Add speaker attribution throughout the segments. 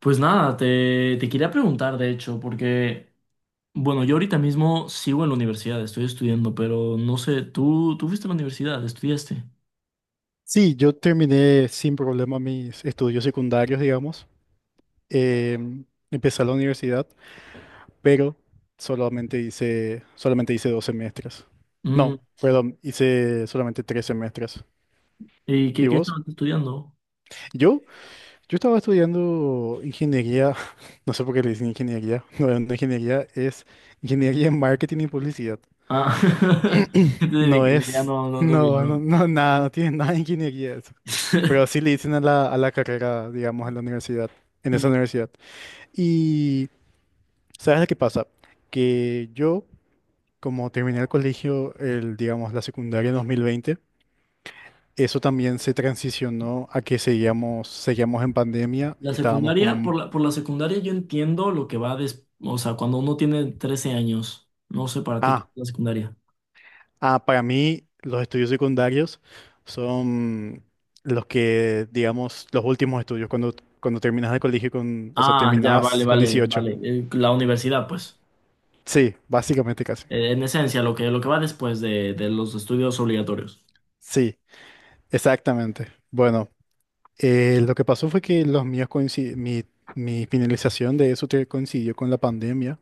Speaker 1: Pues nada, te quería preguntar, de hecho, porque, bueno, yo ahorita mismo sigo en la universidad, estoy estudiando, pero no sé, ¿tú fuiste a la universidad, estudiaste?
Speaker 2: Sí, yo terminé sin problema mis estudios secundarios, digamos. Em, Empecé a la universidad, pero solamente hice 2 semestres.
Speaker 1: Mm,
Speaker 2: No, perdón, hice solamente 3 semestres.
Speaker 1: ¿y qué,
Speaker 2: ¿Y
Speaker 1: qué
Speaker 2: vos?
Speaker 1: estabas estudiando?
Speaker 2: Yo, yo estaba estudiando ingeniería, no sé por qué le dicen ingeniería, no ingeniería, es ingeniería en marketing y publicidad.
Speaker 1: Ah, entonces de
Speaker 2: No
Speaker 1: ingeniería
Speaker 2: es,
Speaker 1: no, no tengo
Speaker 2: no, no,
Speaker 1: claro.
Speaker 2: no, nada, no tiene nada de ingeniería eso. Pero sí le dicen a a la carrera, digamos, a la universidad, en esa
Speaker 1: Mm,
Speaker 2: universidad. Y, ¿sabes lo que pasa? Que yo, como terminé el colegio, el, digamos, la secundaria en 2020, eso también se transicionó a que seguíamos en pandemia
Speaker 1: la
Speaker 2: y estábamos
Speaker 1: secundaria, por
Speaker 2: con...
Speaker 1: la secundaria yo entiendo lo que va o sea, cuando uno tiene 13 años, no sé para ti qué es
Speaker 2: Ah,
Speaker 1: la secundaria.
Speaker 2: ah, para mí, los estudios secundarios son los que, digamos, los últimos estudios, cuando, cuando terminas de colegio con, o sea,
Speaker 1: Ah, ya, vale,
Speaker 2: terminas con
Speaker 1: vale,
Speaker 2: 18.
Speaker 1: vale. La universidad, pues.
Speaker 2: Sí, básicamente casi.
Speaker 1: En esencia, lo que va después de los estudios obligatorios.
Speaker 2: Sí, exactamente. Bueno, lo que pasó fue que los míos mi, mi finalización de coincidió con la pandemia.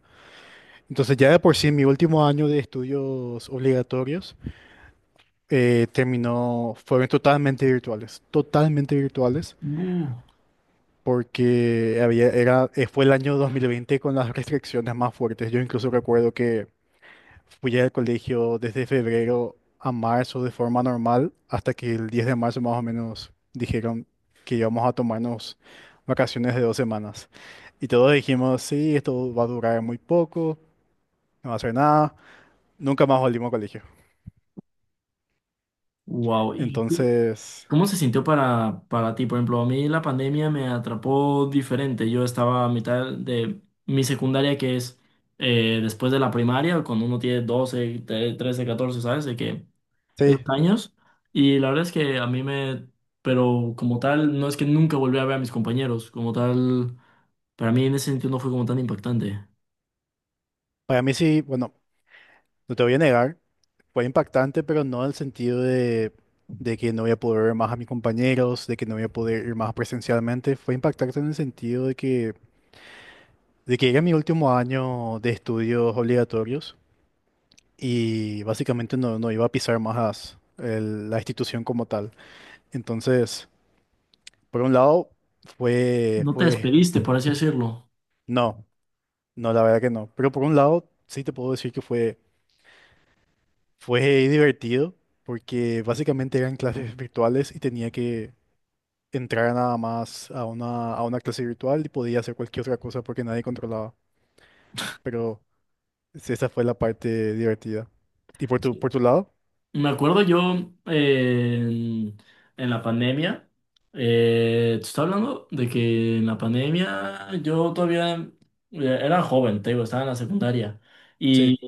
Speaker 2: Entonces, ya de por sí, mi último año de estudios obligatorios terminó, fueron totalmente virtuales, totalmente virtuales.
Speaker 1: Uh,
Speaker 2: Porque había, era, fue el año 2020 con las restricciones más fuertes. Yo incluso recuerdo que fui al colegio desde febrero a marzo de forma normal, hasta que el 10 de marzo más o menos dijeron que íbamos a tomarnos vacaciones de 2 semanas. Y todos dijimos, sí, esto va a durar muy poco, no va a hacer nada. Nunca más volvimos al colegio.
Speaker 1: wow. ¿Y qué,
Speaker 2: Entonces,
Speaker 1: cómo se sintió para ti? Por ejemplo, a mí la pandemia me atrapó diferente. Yo estaba a mitad de mi secundaria, que es después de la primaria, cuando uno tiene 13, 14, ¿sabes? De que esos
Speaker 2: sí,
Speaker 1: años. Y la verdad es que a mí me... Pero como tal, no es que nunca volví a ver a mis compañeros. Como tal, para mí en ese sentido no fue como tan impactante.
Speaker 2: para mí sí, bueno, no te voy a negar. Fue impactante, pero no en el sentido de que no voy a poder ver más a mis compañeros, de que no voy a poder ir más presencialmente. Fue impactante en el sentido de que era mi último año de estudios obligatorios y básicamente no, no iba a pisar más la institución como tal. Entonces, por un lado, fue,
Speaker 1: No te
Speaker 2: fue,
Speaker 1: despediste, por así decirlo.
Speaker 2: no, no, la verdad que no. Pero por un lado, sí te puedo decir que fue, fue divertido porque básicamente eran clases virtuales y tenía que entrar nada más a una clase virtual y podía hacer cualquier otra cosa porque nadie controlaba. Pero sí, esa fue la parte divertida. ¿Y por por tu lado?
Speaker 1: Me acuerdo yo en la pandemia, te estaba hablando de que en la pandemia yo todavía era joven, te digo, estaba en la secundaria.
Speaker 2: Sí,
Speaker 1: Y,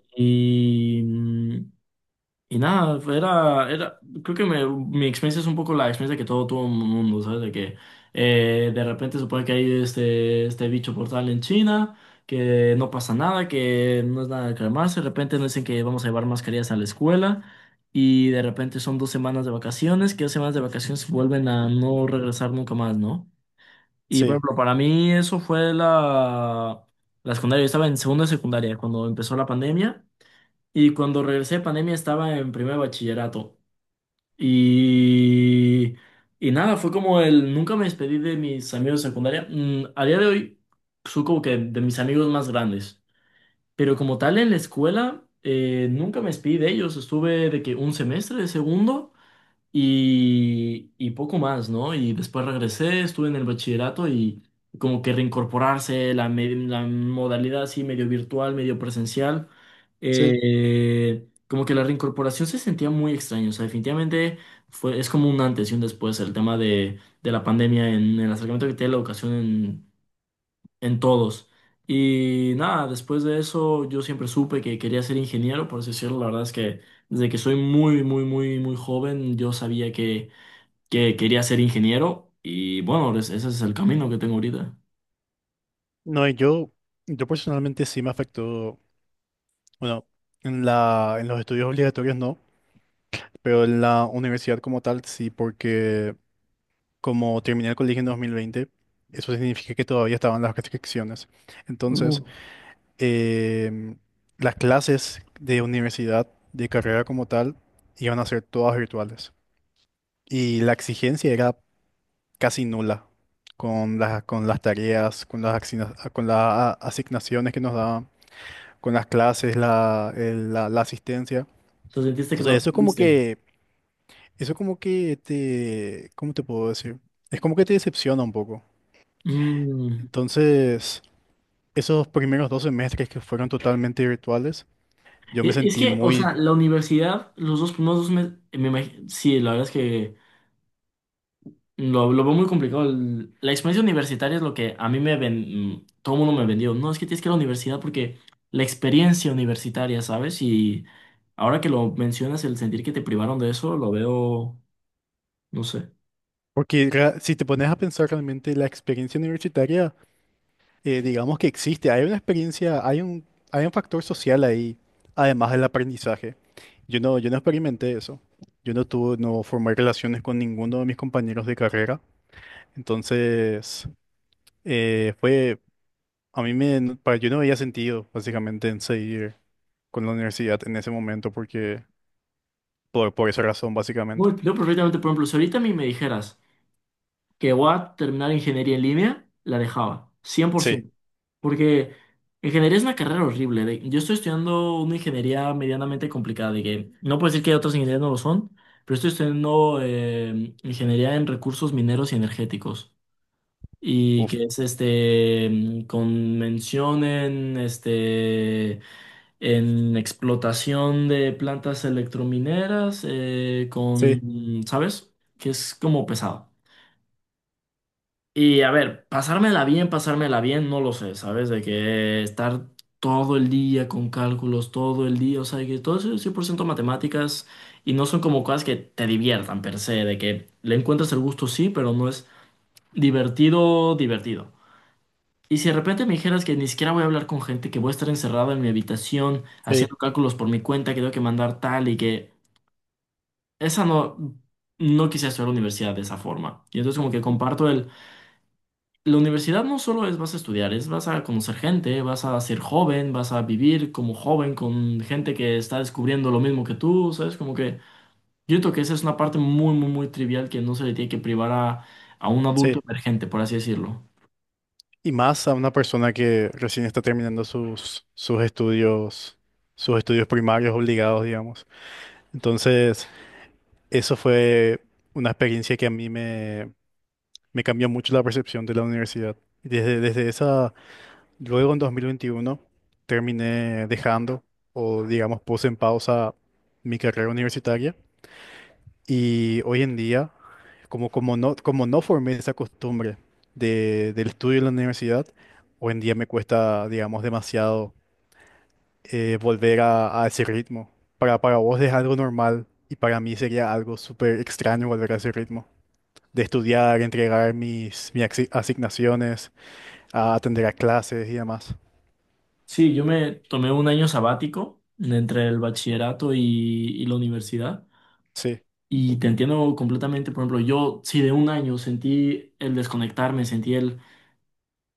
Speaker 1: y nada, era, creo que mi experiencia es un poco la experiencia que todo tuvo el mundo, ¿sabes? De que de repente supone que hay este bicho portal en China, que no pasa nada, que no es nada de calmarse, de repente nos dicen que vamos a llevar mascarillas a la escuela y de repente son dos semanas de vacaciones, que dos semanas de vacaciones vuelven a no regresar nunca más, ¿no? Y por
Speaker 2: sí,
Speaker 1: ejemplo, para mí eso fue la, la secundaria, yo estaba en segunda de secundaria cuando empezó la pandemia. Y cuando regresé de pandemia estaba en primer bachillerato. Y, y nada, fue como el... Nunca me despedí de mis amigos de secundaria. Mm, a día de hoy, soy como que de mis amigos más grandes. Pero como tal, en la escuela, nunca me despedí de ellos. Estuve de que un semestre de segundo y poco más, ¿no? Y después regresé, estuve en el bachillerato y como que reincorporarse la modalidad así medio virtual, medio presencial,
Speaker 2: sí.
Speaker 1: como que la reincorporación se sentía muy extraña, o sea, definitivamente fue, es como un antes y un después el tema de la pandemia en el acercamiento que tiene la educación en todos. Y nada, después de eso yo siempre supe que quería ser ingeniero, por así decirlo, la verdad es que... Desde que soy muy, muy, muy, muy joven, yo sabía que quería ser ingeniero y bueno, ese es el camino que tengo ahorita.
Speaker 2: No, y yo personalmente sí me afectó, bueno, en en los estudios obligatorios no, pero en la universidad como tal sí, porque como terminé el colegio en 2020, eso significa que todavía estaban las restricciones.
Speaker 1: Uh,
Speaker 2: Entonces, em, las clases de universidad, de carrera como tal, iban a ser todas virtuales. Y la exigencia era casi nula con con las tareas, con las, con las asignaciones que nos daban, con las clases, la, la asistencia.
Speaker 1: ¿Te sentiste que no
Speaker 2: Entonces eso es como
Speaker 1: aprendiste?
Speaker 2: que, eso como que te, ¿cómo te puedo decir? Es como que te decepciona un poco.
Speaker 1: Mm,
Speaker 2: Entonces, esos primeros 2 semestres que fueron totalmente virtuales, yo me
Speaker 1: es
Speaker 2: sentí
Speaker 1: que, o
Speaker 2: muy.
Speaker 1: sea, la universidad, los dos primeros dos meses, sí, la verdad es que lo veo muy complicado. La experiencia universitaria es lo que a mí me ven, mm, todo el mundo me vendió. No, es que tienes que ir a la universidad porque la experiencia universitaria, ¿sabes? Y ahora que lo mencionas, el sentir que te privaron de eso, lo veo, no sé.
Speaker 2: Porque si te pones a pensar realmente la experiencia universitaria, digamos que existe, hay una experiencia, hay un factor social ahí, además del aprendizaje. Yo no experimenté eso. Yo no tuve, no formé relaciones con ninguno de mis compañeros de carrera. Entonces, fue, a mí me, para, yo no veía sentido, básicamente, en seguir con la universidad en ese momento, porque, por esa razón, básicamente.
Speaker 1: Bueno, yo perfectamente, por ejemplo, si ahorita a mí me dijeras, que voy a terminar ingeniería en línea, la dejaba,
Speaker 2: Sí,
Speaker 1: 100%. Porque ingeniería es una carrera horrible. Yo estoy estudiando una ingeniería medianamente complicada, de que no puedo decir que otras ingenierías no lo son, pero estoy estudiando ingeniería en recursos mineros y energéticos. Y
Speaker 2: uf,
Speaker 1: que es este mm, con mención en este en explotación de plantas electromineras
Speaker 2: sí,
Speaker 1: ¿sabes? Que es como pesado. Y a ver, pasármela bien, no lo sé, ¿sabes? De que estar todo el día con cálculos, todo el día, o sea, que todo eso es 100% matemáticas y no son como cosas que te diviertan per se, de que le encuentras el gusto, sí, pero no es divertido, divertido. Y si de repente me dijeras que ni siquiera voy a hablar con gente, que voy a estar encerrado en mi habitación
Speaker 2: sí,
Speaker 1: haciendo cálculos por mi cuenta, que tengo que mandar tal y que esa no, no quisiera estudiar a la universidad de esa forma. Y entonces como que comparto la universidad no solo es vas a estudiar, es vas a conocer gente, vas a ser joven, vas a vivir como joven con gente que está descubriendo lo mismo que tú, ¿sabes? Como que yo creo que esa es una parte muy, muy, muy trivial que no se le tiene que privar a un adulto
Speaker 2: sí.
Speaker 1: emergente, por así decirlo.
Speaker 2: Y más a una persona que recién está terminando sus, sus estudios primarios obligados, digamos. Entonces, eso fue una experiencia que a mí me, me cambió mucho la percepción de la universidad. Y desde, desde esa, luego en 2021, terminé dejando, o digamos, puse en pausa mi carrera universitaria y hoy en día, como no formé esa costumbre de, del estudio en la universidad, hoy en día me cuesta, digamos, demasiado volver a ese ritmo. Para vos es algo normal y para mí sería algo súper extraño volver a ese ritmo. De estudiar, entregar mis, mis asignaciones, a atender a clases y demás.
Speaker 1: Sí, yo me tomé un año sabático entre el bachillerato y la universidad
Speaker 2: Sí,
Speaker 1: y te entiendo completamente, por ejemplo, yo sí de un año sentí el desconectarme, sentí el...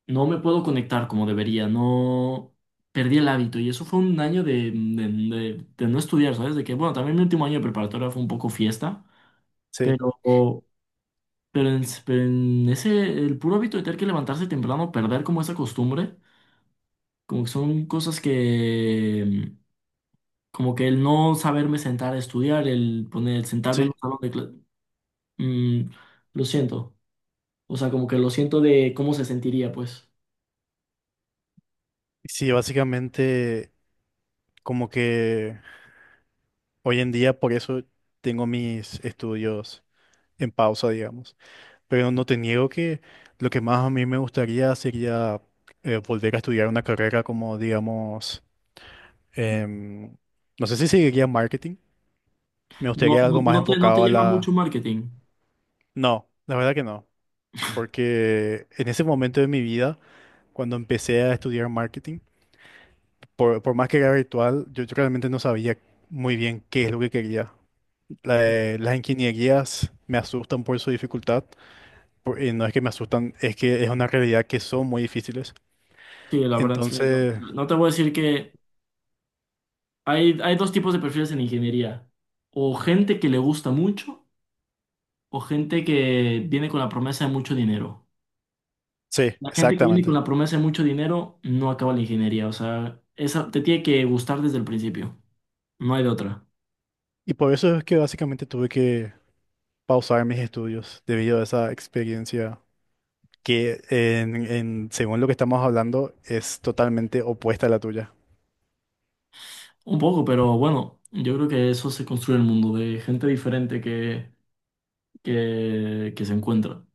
Speaker 1: No me puedo conectar como debería, no perdí el hábito y eso fue un año de no estudiar, ¿sabes? De que, bueno, también mi último año de preparatoria fue un poco fiesta,
Speaker 2: sí,
Speaker 1: pero, pero en ese, el puro hábito de tener que levantarse temprano, perder como esa costumbre, como que son cosas que, como que el no saberme sentar a estudiar, el poner, el sentarme en
Speaker 2: sí.
Speaker 1: un salón de clase, lo siento, o sea, como que lo siento de cómo se sentiría, pues.
Speaker 2: Sí, básicamente como que hoy en día por eso tengo mis estudios en pausa, digamos. Pero no te niego que lo que más a mí me gustaría sería volver a estudiar una carrera como, digamos, em, no sé si seguiría en marketing. Me
Speaker 1: No,
Speaker 2: gustaría
Speaker 1: no,
Speaker 2: algo más
Speaker 1: no te, no te
Speaker 2: enfocado a
Speaker 1: llama mucho
Speaker 2: la...
Speaker 1: marketing.
Speaker 2: No, la verdad que no. Porque en ese momento de mi vida, cuando empecé a estudiar marketing, por más que era virtual, yo realmente no sabía muy bien qué es lo que quería. Las ingenierías me asustan por su dificultad por- Y no es que me asustan, es que es una realidad que son muy difíciles.
Speaker 1: Sí, la verdad es que no,
Speaker 2: Entonces,
Speaker 1: no te voy a decir que hay dos tipos de perfiles en ingeniería. O gente que le gusta mucho o gente que viene con la promesa de mucho dinero.
Speaker 2: sí,
Speaker 1: La gente que viene con
Speaker 2: exactamente.
Speaker 1: la promesa de mucho dinero no acaba la ingeniería. O sea, esa te tiene que gustar desde el principio. No hay de otra.
Speaker 2: Y por eso es que básicamente tuve que pausar mis estudios debido a esa experiencia que, en, según lo que estamos hablando, es totalmente opuesta a la tuya.
Speaker 1: Un poco, pero bueno, yo creo que eso se construye el mundo de gente diferente que se encuentra.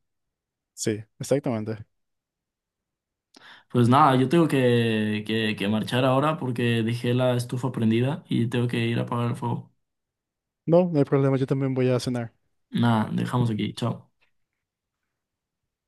Speaker 2: Sí, exactamente.
Speaker 1: Pues nada, yo tengo que marchar ahora porque dejé la estufa prendida y tengo que ir a apagar el fuego.
Speaker 2: No, no hay problema, yo también voy a cenar.
Speaker 1: Nada, dejamos aquí. Chao.